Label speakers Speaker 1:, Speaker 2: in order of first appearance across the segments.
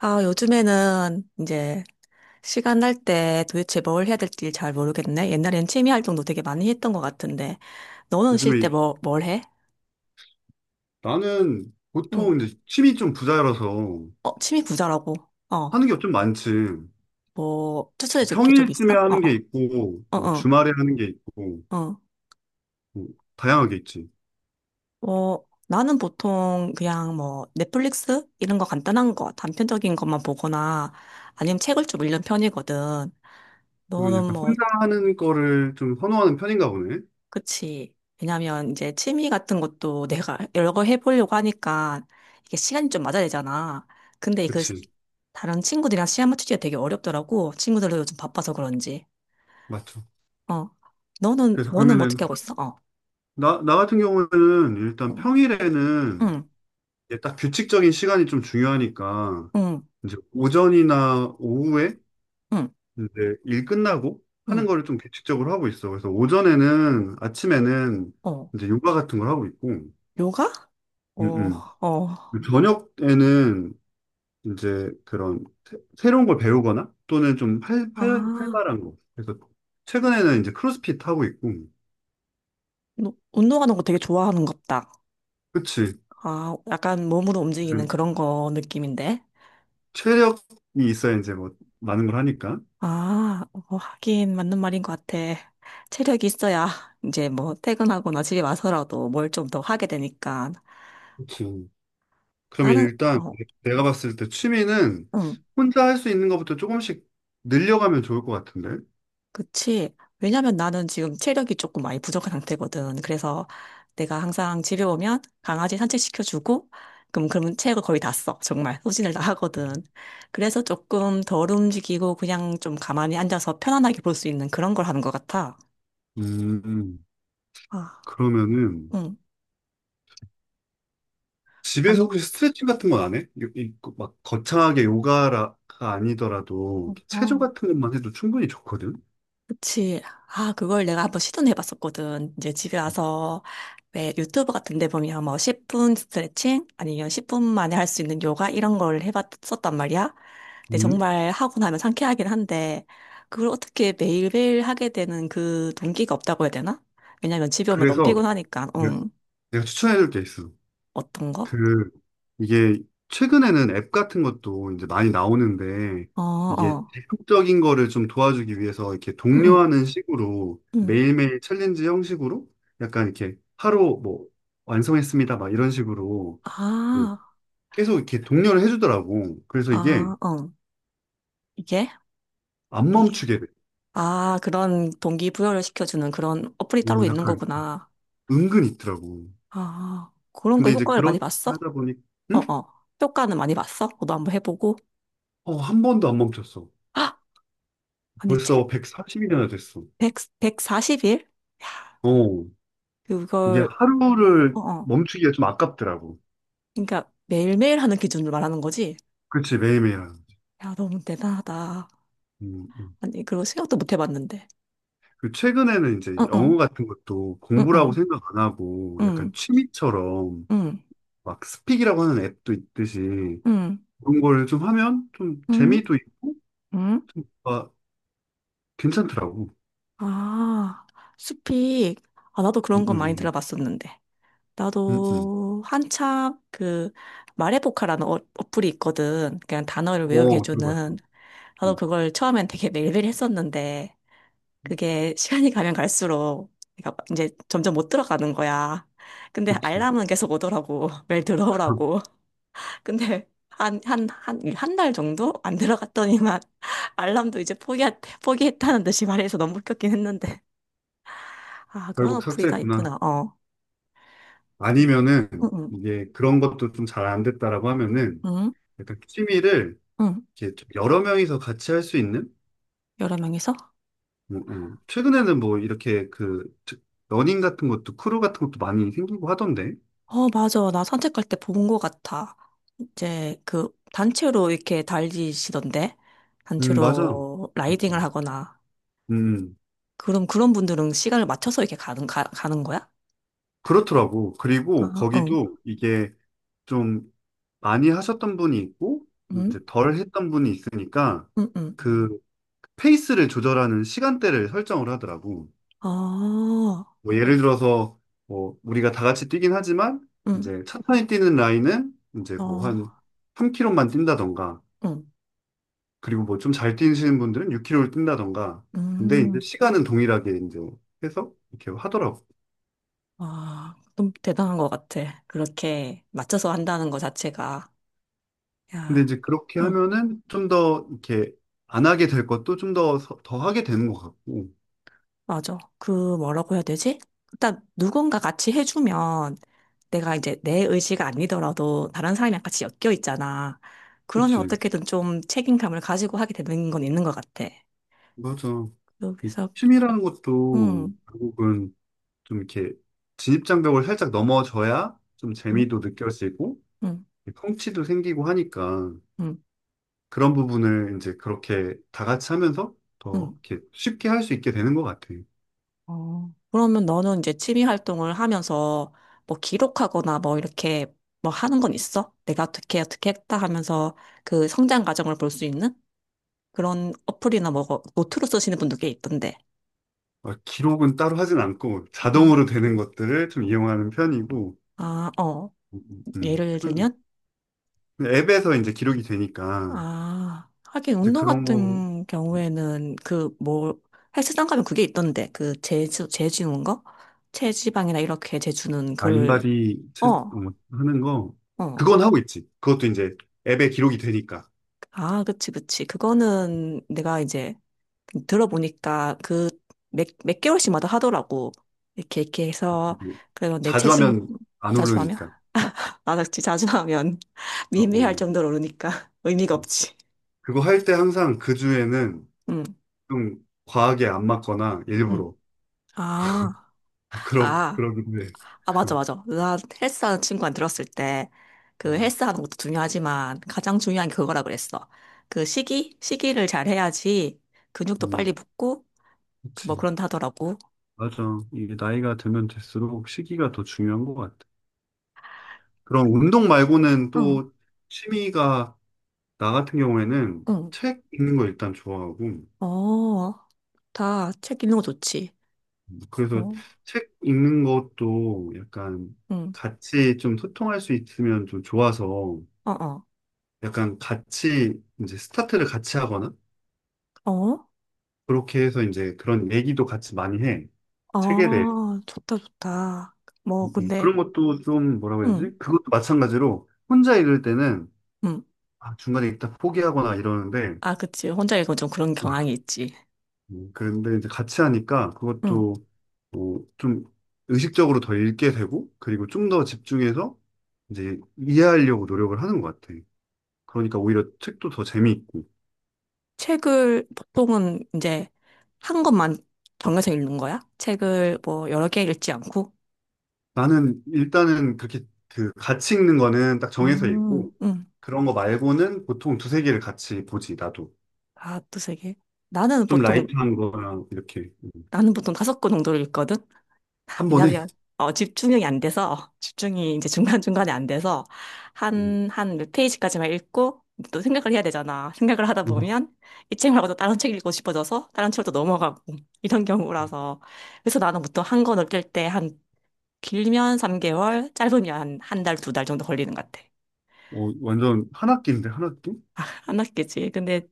Speaker 1: 아, 요즘에는 이제 시간 날 때 도대체 뭘 해야 될지 잘 모르겠네. 옛날엔 취미 활동도 되게 많이 했던 것 같은데. 너는 쉴
Speaker 2: 요즘에
Speaker 1: 때 뭘 해?
Speaker 2: 나는
Speaker 1: 응.
Speaker 2: 보통 이제 취미 좀 부자라서
Speaker 1: 어, 취미 부자라고. 어,
Speaker 2: 하는 게 좀 많지.
Speaker 1: 뭐, 추천해 줄게 좀 있어?
Speaker 2: 평일쯤에
Speaker 1: 어,
Speaker 2: 하는
Speaker 1: 어,
Speaker 2: 게 있고,
Speaker 1: 어,
Speaker 2: 뭐
Speaker 1: 어,
Speaker 2: 주말에 하는 게 있고,
Speaker 1: 어.
Speaker 2: 뭐 다양하게 있지.
Speaker 1: 뭐, 나는 보통 그냥 뭐, 넷플릭스? 이런 거 간단한 거, 단편적인 것만 보거나 아니면 책을 좀 읽는 편이거든.
Speaker 2: 그리고
Speaker 1: 너는
Speaker 2: 약간
Speaker 1: 뭐,
Speaker 2: 혼자 하는 거를 좀 선호하는 편인가 보네.
Speaker 1: 그치. 왜냐면 이제 취미 같은 것도 내가 여러 걸 해보려고 하니까 이게 시간이 좀 맞아야 되잖아. 근데 그
Speaker 2: 그치.
Speaker 1: 다른 친구들이랑 시간 맞추기가 되게 어렵더라고. 친구들도 요즘 바빠서 그런지.
Speaker 2: 맞죠.
Speaker 1: 어. 너는,
Speaker 2: 그래서
Speaker 1: 너는
Speaker 2: 그러면은,
Speaker 1: 어떻게 하고 있어? 어.
Speaker 2: 나 같은 경우에는 일단
Speaker 1: 응,
Speaker 2: 평일에는
Speaker 1: 응,
Speaker 2: 이게 딱 규칙적인 시간이 좀 중요하니까,
Speaker 1: 응,
Speaker 2: 이제 오전이나 오후에
Speaker 1: 응.
Speaker 2: 이제 일 끝나고
Speaker 1: 응.
Speaker 2: 하는 거를 좀 규칙적으로 하고 있어. 그래서 오전에는, 아침에는
Speaker 1: 어.
Speaker 2: 이제 요가 같은 걸 하고 있고,
Speaker 1: 요가? 어,
Speaker 2: 음.
Speaker 1: 어.
Speaker 2: 저녁에는 이제 그런 새로운 걸 배우거나 또는 좀 활, 활,
Speaker 1: 아,
Speaker 2: 활발한 거. 그래서 최근에는 이제 크로스핏 하고 있고,
Speaker 1: 너 운동하는 거 되게 좋아하는갑다.
Speaker 2: 그치.
Speaker 1: 아, 약간 몸으로 움직이는
Speaker 2: 그
Speaker 1: 그런 거 느낌인데.
Speaker 2: 체력이 있어야 이제 뭐 많은 걸 하니까.
Speaker 1: 아, 어, 하긴 맞는 말인 것 같아. 체력이 있어야 이제 뭐 퇴근하거나 집에 와서라도 뭘 좀 더 하게 되니까.
Speaker 2: 그치. 그러면
Speaker 1: 나는,
Speaker 2: 일단
Speaker 1: 어,
Speaker 2: 내가 봤을 때 취미는
Speaker 1: 응,
Speaker 2: 혼자 할 수 있는 것부터 조금씩 늘려가면 좋을 것 같은데.
Speaker 1: 그치. 왜냐면 나는 지금 체력이 조금 많이 부족한 상태거든. 그래서 내가 항상 집에 오면 강아지 산책시켜주고, 그럼, 그러면 체력을 거의 다 써. 정말. 소진을 다 하거든. 그래서 조금 덜 움직이고 그냥 좀 가만히 앉아서 편안하게 볼 수 있는 그런 걸 하는 것 같아.
Speaker 2: 음.
Speaker 1: 아,
Speaker 2: 그러면은
Speaker 1: 응.
Speaker 2: 집에서
Speaker 1: 아니,
Speaker 2: 혹시 스트레칭 같은 건 안 해? 그 막 거창하게 요가가 아니더라도 체조
Speaker 1: 어.
Speaker 2: 같은 것만 해도 충분히 좋거든.
Speaker 1: 그치. 아, 그걸 내가 한번 시도는 해봤었거든. 이제 집에 와서 왜 유튜브 같은 데 보면 뭐 10분 스트레칭 아니면 10분 만에 할 수 있는 요가 이런 걸 해봤었단 말이야. 근데
Speaker 2: 음.
Speaker 1: 정말 하고 나면 상쾌하긴 한데 그걸 어떻게 매일매일 하게 되는 그 동기가 없다고 해야 되나? 왜냐면 집에 오면 너무
Speaker 2: 그래서
Speaker 1: 피곤하니까.
Speaker 2: 내가,
Speaker 1: 응.
Speaker 2: 내가 추천해줄 게 있어.
Speaker 1: 어떤 거?
Speaker 2: 그 이게 최근에는 앱 같은 것도 이제 많이 나오는데
Speaker 1: 어,
Speaker 2: 이게
Speaker 1: 어.
Speaker 2: 대폭적인 거를 좀 도와주기 위해서 이렇게
Speaker 1: 응, 응,
Speaker 2: 독려하는 식으로
Speaker 1: 응.
Speaker 2: 매일매일 챌린지 형식으로 약간 이렇게 하루 뭐 완성했습니다 막 이런 식으로
Speaker 1: 아,
Speaker 2: 계속 이렇게 독려를 해주더라고. 그래서 이게
Speaker 1: 아, 어. 이게?
Speaker 2: 안
Speaker 1: 이게.
Speaker 2: 멈추게 돼.
Speaker 1: 아, 그런 동기부여를 시켜주는 그런 어플이 따로
Speaker 2: 오,
Speaker 1: 있는
Speaker 2: 약간
Speaker 1: 거구나.
Speaker 2: 은근 있더라고.
Speaker 1: 아, 그런 거
Speaker 2: 근데 이제
Speaker 1: 효과를 많이
Speaker 2: 그렇게
Speaker 1: 봤어?
Speaker 2: 하다 보니,
Speaker 1: 어,
Speaker 2: 응?
Speaker 1: 어. 효과는 많이 봤어? 너도 한번 해보고.
Speaker 2: 어, 한 번도 안 멈췄어.
Speaker 1: 아, 아니,
Speaker 2: 벌써 140일이나 됐어.
Speaker 1: 1백 사십 4 0일
Speaker 2: 어, 이게
Speaker 1: 그걸,
Speaker 2: 하루를
Speaker 1: 어, 어.
Speaker 2: 멈추기가 좀 아깝더라고.
Speaker 1: 그러니까 매일매일 하는 기준을 말하는 거지?
Speaker 2: 그치, 매일매일. 하는 거지.
Speaker 1: 야, 너무 대단하다.
Speaker 2: 음, 음.
Speaker 1: 아니, 그거 생각도 못 해봤는데.
Speaker 2: 그 최근에는 이제
Speaker 1: 응, 응,
Speaker 2: 영어 같은 것도
Speaker 1: 응,
Speaker 2: 공부라고
Speaker 1: 응,
Speaker 2: 생각 안 하고 약간
Speaker 1: 응,
Speaker 2: 취미처럼
Speaker 1: 응,
Speaker 2: 막 스픽이라고 하는 앱도 있듯이
Speaker 1: 응,
Speaker 2: 그런 걸 좀 하면 좀
Speaker 1: 응,
Speaker 2: 재미도 있고
Speaker 1: 응.
Speaker 2: 좀 뭔가 괜찮더라고.
Speaker 1: 아, 숲이, 아, 나도
Speaker 2: 음,
Speaker 1: 그런 거
Speaker 2: 음,
Speaker 1: 많이
Speaker 2: 음.
Speaker 1: 들어봤었는데.
Speaker 2: 음, 음.
Speaker 1: 나도 한참 그 말해보카라는 어, 어플이 있거든. 그냥 단어를 외우게
Speaker 2: 어, 들어봤어.
Speaker 1: 해주는. 나도
Speaker 2: 음,
Speaker 1: 그걸 처음엔 되게 매일매일 했었는데 그게 시간이 가면 갈수록 내가 이제 점점 못 들어가는 거야. 근데
Speaker 2: 그치.
Speaker 1: 알람은 계속 오더라고. 매일 들어오라고. 근데 한 달 정도 안 들어갔더니만 알람도 이제 포기했다는 듯이 말해서 너무 웃겼긴 했는데. 아, 그런
Speaker 2: 결국
Speaker 1: 어플이 다
Speaker 2: 삭제했구나.
Speaker 1: 있구나. 어.
Speaker 2: 아니면은,
Speaker 1: 응, 응,
Speaker 2: 이게 그런 것도 좀 잘 안 됐다라고 하면은,
Speaker 1: 응,
Speaker 2: 약간 취미를
Speaker 1: 응.
Speaker 2: 이렇게 좀 여러 명이서 같이 할 수 있는?
Speaker 1: 여러 명이서?
Speaker 2: 최근에는 뭐 이렇게 그, 러닝 같은 것도, 크루 같은 것도 많이 생기고 하던데.
Speaker 1: 어, 맞아. 나 산책 갈 때 본 것 같아. 이제 그 단체로 이렇게 달리시던데?
Speaker 2: 맞아.
Speaker 1: 단체로
Speaker 2: 음, 음.
Speaker 1: 라이딩을 하거나.
Speaker 2: 음,
Speaker 1: 그럼 그런 분들은 시간을 맞춰서 이렇게 가는 거야?
Speaker 2: 그렇더라고. 그리고
Speaker 1: 아, 응.
Speaker 2: 거기도 이게 좀 많이 하셨던 분이 있고,
Speaker 1: 응?
Speaker 2: 이제 덜 했던 분이 있으니까,
Speaker 1: 응, 응.
Speaker 2: 그, 페이스를 조절하는 시간대를 설정을 하더라고.
Speaker 1: 아,
Speaker 2: 뭐 예를 들어서 뭐 우리가 다 같이 뛰긴 하지만
Speaker 1: 응.
Speaker 2: 이제 천천히 뛰는 라인은 이제 뭐
Speaker 1: 어,
Speaker 2: 한 3km만 뛴다던가
Speaker 1: 응.
Speaker 2: 그리고 뭐 좀 잘 뛰시는 분들은 6km를 뛴다던가 근데 이제
Speaker 1: 음.
Speaker 2: 시간은 동일하게 이제 해서 이렇게 하더라고.
Speaker 1: 와, 좀 대단한 것 같아. 그렇게 맞춰서 한다는 것 자체가.
Speaker 2: 근데
Speaker 1: 야,
Speaker 2: 이제 그렇게
Speaker 1: 응.
Speaker 2: 하면은 좀 더 이렇게 안 하게 될 것도 좀 더 하게 되는 것 같고.
Speaker 1: 맞아. 그 뭐라고 해야 되지? 일단 누군가 같이 해주면 내가 이제 내 의지가 아니더라도 다른 사람이랑 같이 엮여 있잖아. 그러면
Speaker 2: 그치.
Speaker 1: 어떻게든 좀 책임감을 가지고 하게 되는 건 있는 것 같아.
Speaker 2: 맞아. 이
Speaker 1: 그래서,
Speaker 2: 춤이라는 것도
Speaker 1: 음,
Speaker 2: 결국은 좀 이렇게 진입장벽을 살짝 넘어져야 좀
Speaker 1: 음,
Speaker 2: 재미도 느껴지고
Speaker 1: 음,
Speaker 2: 성취도 생기고 하니까
Speaker 1: 음,
Speaker 2: 그런 부분을 이제 그렇게 다 같이 하면서 더
Speaker 1: 음.
Speaker 2: 이렇게 쉽게 할 수 있게 되는 것 같아요.
Speaker 1: 어, 그러면 너는 이제 취미 활동을 하면서 뭐 기록하거나 뭐 이렇게 뭐 하는 건 있어? 내가 어떻게 어떻게 했다 하면서 그 성장 과정을 볼 수 있는 그런 어플이나 뭐 노트로 쓰시는 분도 꽤 있던데.
Speaker 2: 막 기록은 따로 하진 않고
Speaker 1: 음.
Speaker 2: 자동으로 되는 것들을 좀 이용하는 편이고
Speaker 1: 아, 어.
Speaker 2: 음, 음,
Speaker 1: 예를
Speaker 2: 편-
Speaker 1: 들면?
Speaker 2: 앱에서 이제 기록이 되니까
Speaker 1: 아, 하긴
Speaker 2: 이제
Speaker 1: 운동
Speaker 2: 그런 거
Speaker 1: 같은 경우에는 그 뭐 헬스장 가면 그게 있던데 그 재주 재주는 거 체지방이나 이렇게 재주는
Speaker 2: 아,
Speaker 1: 그걸
Speaker 2: 인바디
Speaker 1: 어,
Speaker 2: 하는 거
Speaker 1: 어.
Speaker 2: 그건 하고 있지. 그것도 이제 앱에 기록이 되니까
Speaker 1: 아, 그치, 그치. 그거는 내가 이제 들어보니까 그 몇 개월씩마다 하더라고. 이렇게 이렇게 해서
Speaker 2: 이게
Speaker 1: 그러면 내
Speaker 2: 자주
Speaker 1: 체중
Speaker 2: 하면 안
Speaker 1: 자주 하면
Speaker 2: 오르니까.
Speaker 1: 아, 나 진짜 자주 하면
Speaker 2: 어,
Speaker 1: 미미할
Speaker 2: 어.
Speaker 1: 정도로 오르니까 의미가 없지.
Speaker 2: 그거 할 때 항상 그 주에는
Speaker 1: 응,
Speaker 2: 좀 과하게 안 맞거나
Speaker 1: 응.
Speaker 2: 일부러
Speaker 1: 아,
Speaker 2: 어, 그러
Speaker 1: 아.
Speaker 2: 그러긴 해.
Speaker 1: 아, 맞아, 맞아. 나 헬스하는 친구한테 들었을 때, 그
Speaker 2: 음,
Speaker 1: 헬스하는 것도 중요하지만, 가장 중요한 게 그거라 그랬어. 그 시기? 시기를 잘 해야지 근육도
Speaker 2: 음,
Speaker 1: 빨리 붙고, 뭐
Speaker 2: 그치.
Speaker 1: 그런다 하더라고.
Speaker 2: 맞아. 이게 나이가 들면 들수록 시기가 더 중요한 것 같아. 그럼 운동 말고는
Speaker 1: 응,
Speaker 2: 또 취미가 나 같은 경우에는
Speaker 1: 응.
Speaker 2: 책 읽는 거 일단 좋아하고
Speaker 1: 어, 다 책 읽는 거 좋지.
Speaker 2: 그래서
Speaker 1: 어,
Speaker 2: 책 읽는 것도 약간
Speaker 1: 응,
Speaker 2: 같이 좀 소통할 수 있으면 좀 좋아서
Speaker 1: 어, 어,
Speaker 2: 약간 같이 이제 스타트를 같이 하거나
Speaker 1: 어?
Speaker 2: 그렇게 해서 이제 그런 얘기도 같이 많이 해. 책에 대해.
Speaker 1: 아, 좋다, 좋다. 뭐, 근데,
Speaker 2: 그런 것도 좀 뭐라고 해야
Speaker 1: 응,
Speaker 2: 되지? 그것도 마찬가지로 혼자 읽을 때는
Speaker 1: 응.
Speaker 2: 아, 중간에 일단 포기하거나 이러는데
Speaker 1: 아, 그치. 혼자 읽으면 좀 그런 경향이 있지.
Speaker 2: 그런데 이제 같이 하니까
Speaker 1: 응.
Speaker 2: 그것도 뭐 좀 의식적으로 더 읽게 되고 그리고 좀 더 집중해서 이제 이해하려고 노력을 하는 것 같아. 그러니까 오히려 책도 더 재미있고
Speaker 1: 책을 보통은 이제 한 권만 정해서 읽는 거야? 책을 뭐 여러 개 읽지 않고?
Speaker 2: 나는 일단은 그렇게 그 같이 읽는 거는 딱 정해서
Speaker 1: 음,
Speaker 2: 읽고
Speaker 1: 음.
Speaker 2: 그런 거 말고는 보통 두세 개를 같이 보지 나도.
Speaker 1: 아, 또 세 개. 나는
Speaker 2: 좀
Speaker 1: 보통,
Speaker 2: 라이트한 거랑 이렇게
Speaker 1: 나는 보통 다섯 권 정도를 읽거든?
Speaker 2: 한 번에
Speaker 1: 왜냐면, 어, 집중력이 안 돼서, 어, 집중이 이제 중간중간에 안 돼서,
Speaker 2: 음,
Speaker 1: 한 몇 페이지까지만 읽고, 또 생각을 해야 되잖아. 생각을 하다
Speaker 2: 어,
Speaker 1: 보면, 이 책 말고 또 다른 책 읽고 싶어져서, 다른 책으로 또 넘어가고, 이런 경우라서. 그래서 나는 보통 한 권 읽을 때한 길면 3개월, 짧으면 한 달, 두 달 정도 걸리는 것 같아.
Speaker 2: 어, 완전 한 학기인데 한 학기?
Speaker 1: 안 낫겠지. 근데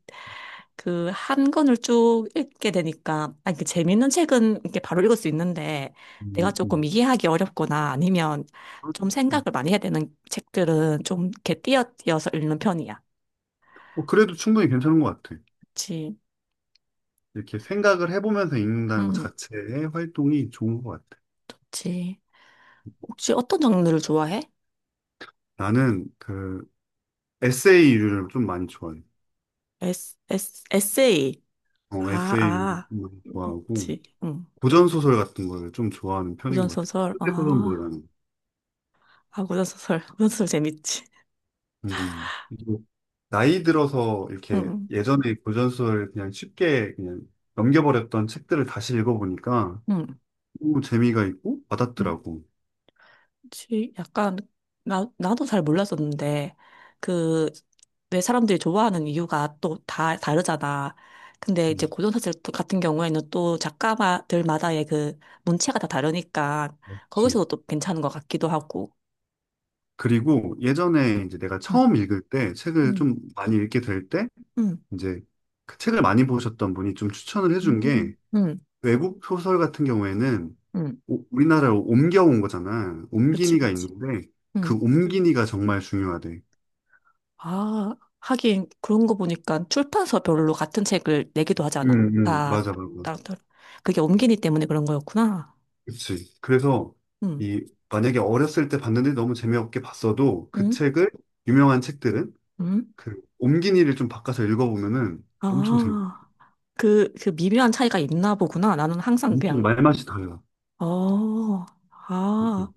Speaker 1: 그 한 권을 쭉 읽게 되니까, 아니, 그 재밌는 책은 이렇게 바로 읽을 수 있는데, 내가
Speaker 2: 음,
Speaker 1: 조금
Speaker 2: 음.
Speaker 1: 이해하기 어렵거나 아니면 좀 생각을
Speaker 2: 음.
Speaker 1: 많이 해야 되는 책들은 좀 이렇게 띄어띄어서 읽는 편이야.
Speaker 2: 어, 그래도 충분히 괜찮은 것 같아.
Speaker 1: 그치.
Speaker 2: 이렇게 생각을 해보면서 읽는다는 것
Speaker 1: 음,
Speaker 2: 자체의 활동이 좋은 것 같아.
Speaker 1: 그치. 혹시 어떤 장르를 좋아해?
Speaker 2: 나는 그 에세이류를 좀 많이 좋아해.
Speaker 1: 에세이.
Speaker 2: 어,
Speaker 1: 아,
Speaker 2: 에세이
Speaker 1: 아.
Speaker 2: 좋아하고
Speaker 1: 그치. 응.
Speaker 2: 고전 소설 같은 걸 좀 좋아하는 편인 것 같아.
Speaker 1: 고전소설.
Speaker 2: 그때 그런
Speaker 1: 아,
Speaker 2: 뭐라는.
Speaker 1: 아, 고전소설. 고전소설 재밌지.
Speaker 2: 음. 나이 들어서 이렇게
Speaker 1: 응,
Speaker 2: 예전에 고전 소설 그냥 쉽게 그냥 넘겨버렸던 책들을 다시 읽어보니까
Speaker 1: 응,
Speaker 2: 너무 재미가 있고
Speaker 1: 응.
Speaker 2: 와닿더라고.
Speaker 1: 지- 약간, 나, 나도 잘 몰랐었는데, 그, 왜 사람들이 좋아하는 이유가 또 다 다르잖아. 근데
Speaker 2: 음,
Speaker 1: 이제 고전사슬 같은 경우에는 또 작가들마다의 그 문체가 다 다르니까, 거기서도
Speaker 2: 그치.
Speaker 1: 또 괜찮은 것 같기도 하고.
Speaker 2: 그리고 예전에 이제 내가
Speaker 1: 응,
Speaker 2: 처음 읽을 때 책을
Speaker 1: 응,
Speaker 2: 좀 많이 읽게 될 때
Speaker 1: 응,
Speaker 2: 이제 그 책을 많이 보셨던 분이 좀 추천을 해준 게
Speaker 1: 응,
Speaker 2: 외국 소설 같은 경우에는
Speaker 1: 응.
Speaker 2: 우리나라로 옮겨온 거잖아. 옮기
Speaker 1: 그치,
Speaker 2: 니가
Speaker 1: 그치.
Speaker 2: 있는데
Speaker 1: 응.
Speaker 2: 그 옮기니가 정말 중요하대.
Speaker 1: 아, 하긴 그런 거 보니까 출판사별로 같은 책을 내기도
Speaker 2: 응,
Speaker 1: 하잖아.
Speaker 2: 응,
Speaker 1: 다,
Speaker 2: 맞아, 맞아.
Speaker 1: 따 그게 옮기니 때문에 그런 거였구나.
Speaker 2: 그치. 그래서
Speaker 1: 음,
Speaker 2: 이 만약에 어렸을 때 봤는데 너무 재미없게 봤어도 그
Speaker 1: 음,
Speaker 2: 책을 유명한 책들은
Speaker 1: 음.
Speaker 2: 그 옮긴이를 좀 바꿔서 읽어보면은 엄청 재밌.
Speaker 1: 아, 그, 그 미묘한 차이가 있나 보구나. 나는 항상
Speaker 2: 엄청
Speaker 1: 그냥,
Speaker 2: 말맛이 달라.
Speaker 1: 어,
Speaker 2: 음.
Speaker 1: 아,
Speaker 2: 음.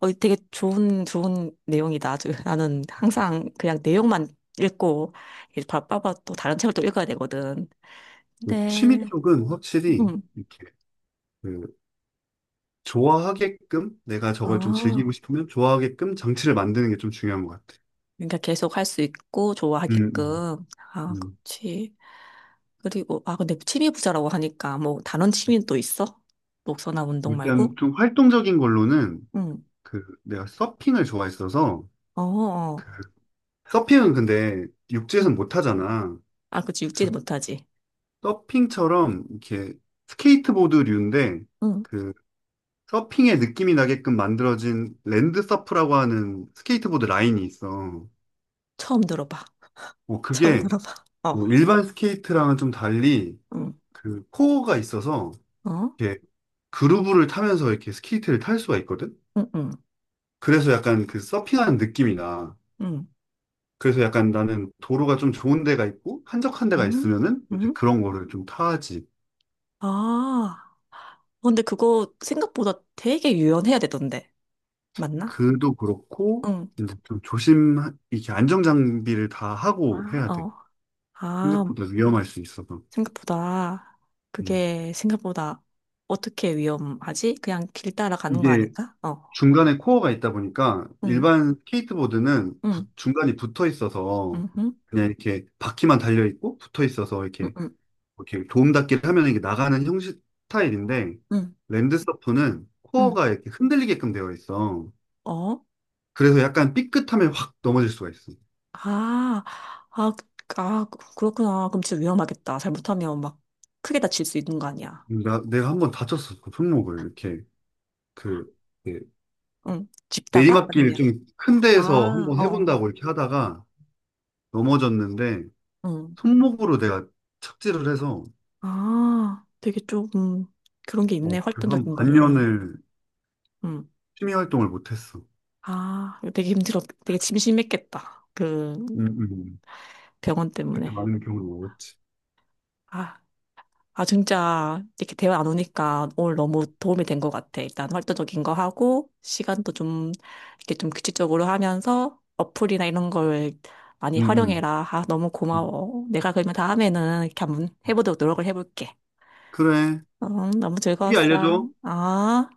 Speaker 1: 어, 되게 좋은, 좋은 내용이다. 아주 나는 항상 그냥 내용만 읽고, 이제 바빠봐 또 다른 책을 또 읽어야 되거든.
Speaker 2: 그 취미
Speaker 1: 네.
Speaker 2: 쪽은 확실히
Speaker 1: 음,
Speaker 2: 이렇게 그 좋아하게끔 내가 저걸 좀 즐기고
Speaker 1: 아.
Speaker 2: 싶으면 좋아하게끔 장치를 만드는 게 좀 중요한 것 같아.
Speaker 1: 그러니까 계속 할 수 있고
Speaker 2: 음, 음,
Speaker 1: 좋아하게끔. 아,
Speaker 2: 음.
Speaker 1: 그렇지. 그리고 아, 근데 취미 부자라고 하니까 뭐 다른 취미는 또 있어? 목서나 운동
Speaker 2: 일단
Speaker 1: 말고?
Speaker 2: 좀 활동적인 걸로는
Speaker 1: 응.
Speaker 2: 그 내가 서핑을 좋아했어서
Speaker 1: 어, 어. 어.
Speaker 2: 그 서핑은 근데
Speaker 1: 응.
Speaker 2: 육지에서는 못 하잖아.
Speaker 1: 아, 그치. 육지
Speaker 2: 그래서
Speaker 1: 못하지.
Speaker 2: 서핑처럼 이렇게 스케이트보드류인데
Speaker 1: 응.
Speaker 2: 그 서핑의 느낌이 나게끔 만들어진 랜드 서프라고 하는 스케이트보드 라인이 있어.
Speaker 1: 처음 들어봐.
Speaker 2: 뭐
Speaker 1: 처음
Speaker 2: 그게
Speaker 1: 들어봐.
Speaker 2: 뭐
Speaker 1: 어.
Speaker 2: 일반 스케이트랑은 좀 달리
Speaker 1: 응.
Speaker 2: 그 코어가 있어서
Speaker 1: 어?
Speaker 2: 이렇게 그루브를 타면서 이렇게 스케이트를 탈 수가 있거든.
Speaker 1: 응, 응.
Speaker 2: 그래서 약간 그 서핑하는 느낌이 나.
Speaker 1: 응.
Speaker 2: 그래서 약간 나는 도로가 좀 좋은 데가 있고 한적한 데가
Speaker 1: 응?
Speaker 2: 있으면은 이제
Speaker 1: 응?
Speaker 2: 그런 거를 좀 타지.
Speaker 1: 아. 어, 근데 그거 생각보다 되게 유연해야 되던데. 맞나?
Speaker 2: 그도 그렇고
Speaker 1: 응.
Speaker 2: 이제 좀 조심 이렇게 안정 장비를 다 하고
Speaker 1: 아,
Speaker 2: 해야 돼.
Speaker 1: 어. 아,
Speaker 2: 생각보다 위험할 수 있어서.
Speaker 1: 생각보다
Speaker 2: 음.
Speaker 1: 그게 생각보다 어떻게 위험하지? 그냥 길 따라가는 거
Speaker 2: 이게
Speaker 1: 아닌가? 어.
Speaker 2: 중간에 코어가 있다 보니까
Speaker 1: 응.
Speaker 2: 일반 스케이트보드는
Speaker 1: 응.
Speaker 2: 중간이 붙어 있어서
Speaker 1: 응. 응.
Speaker 2: 그냥 이렇게 바퀴만 달려 있고 붙어 있어서
Speaker 1: 응.
Speaker 2: 이렇게
Speaker 1: 응.
Speaker 2: 이렇게 도움닫기를 하면 이게 나가는 형식 스타일인데
Speaker 1: 응.
Speaker 2: 랜드서프는
Speaker 1: 응.
Speaker 2: 코어가 이렇게 흔들리게끔 되어 있어.
Speaker 1: 어?
Speaker 2: 그래서 약간 삐끗하면 확 넘어질 수가 있어.
Speaker 1: 아. 그렇구나. 그럼 진짜 위험하겠다. 잘못하면 막 크게 다칠 수 있는 거 아니야.
Speaker 2: 내가 한 번 다쳤어. 그 손목을 이렇게 그 예.
Speaker 1: 응. 집다가
Speaker 2: 내리막길
Speaker 1: 아니면
Speaker 2: 좀 큰
Speaker 1: 아,
Speaker 2: 데에서
Speaker 1: 어.
Speaker 2: 한번
Speaker 1: 어.
Speaker 2: 해본다고 이렇게 하다가 넘어졌는데
Speaker 1: 응.
Speaker 2: 손목으로 내가 착지를 해서
Speaker 1: 아, 되게 조금 그런 게 있네.
Speaker 2: 어, 그한
Speaker 1: 활동적인 거는.
Speaker 2: 반년을
Speaker 1: 응.
Speaker 2: 취미 활동을 못했어.
Speaker 1: 아, 되게 심심했겠다. 그
Speaker 2: 음, 음.
Speaker 1: 병원
Speaker 2: 그때
Speaker 1: 때문에.
Speaker 2: 많은 경험을 먹었지.
Speaker 1: 아, 아, 진짜, 이렇게 대화 안 오니까 오늘 너무 도움이 된 것 같아. 일단 활동적인 거 하고, 시간도 좀, 이렇게 좀 규칙적으로 하면서, 어플이나 이런 걸 많이
Speaker 2: 음, 음.
Speaker 1: 활용해라. 아, 너무
Speaker 2: 음.
Speaker 1: 고마워. 내가 그러면 다음에는 이렇게 한번 해보도록 노력을 해볼게.
Speaker 2: 그래.
Speaker 1: 너무
Speaker 2: 후기
Speaker 1: 즐거웠어.
Speaker 2: 알려줘.
Speaker 1: 아.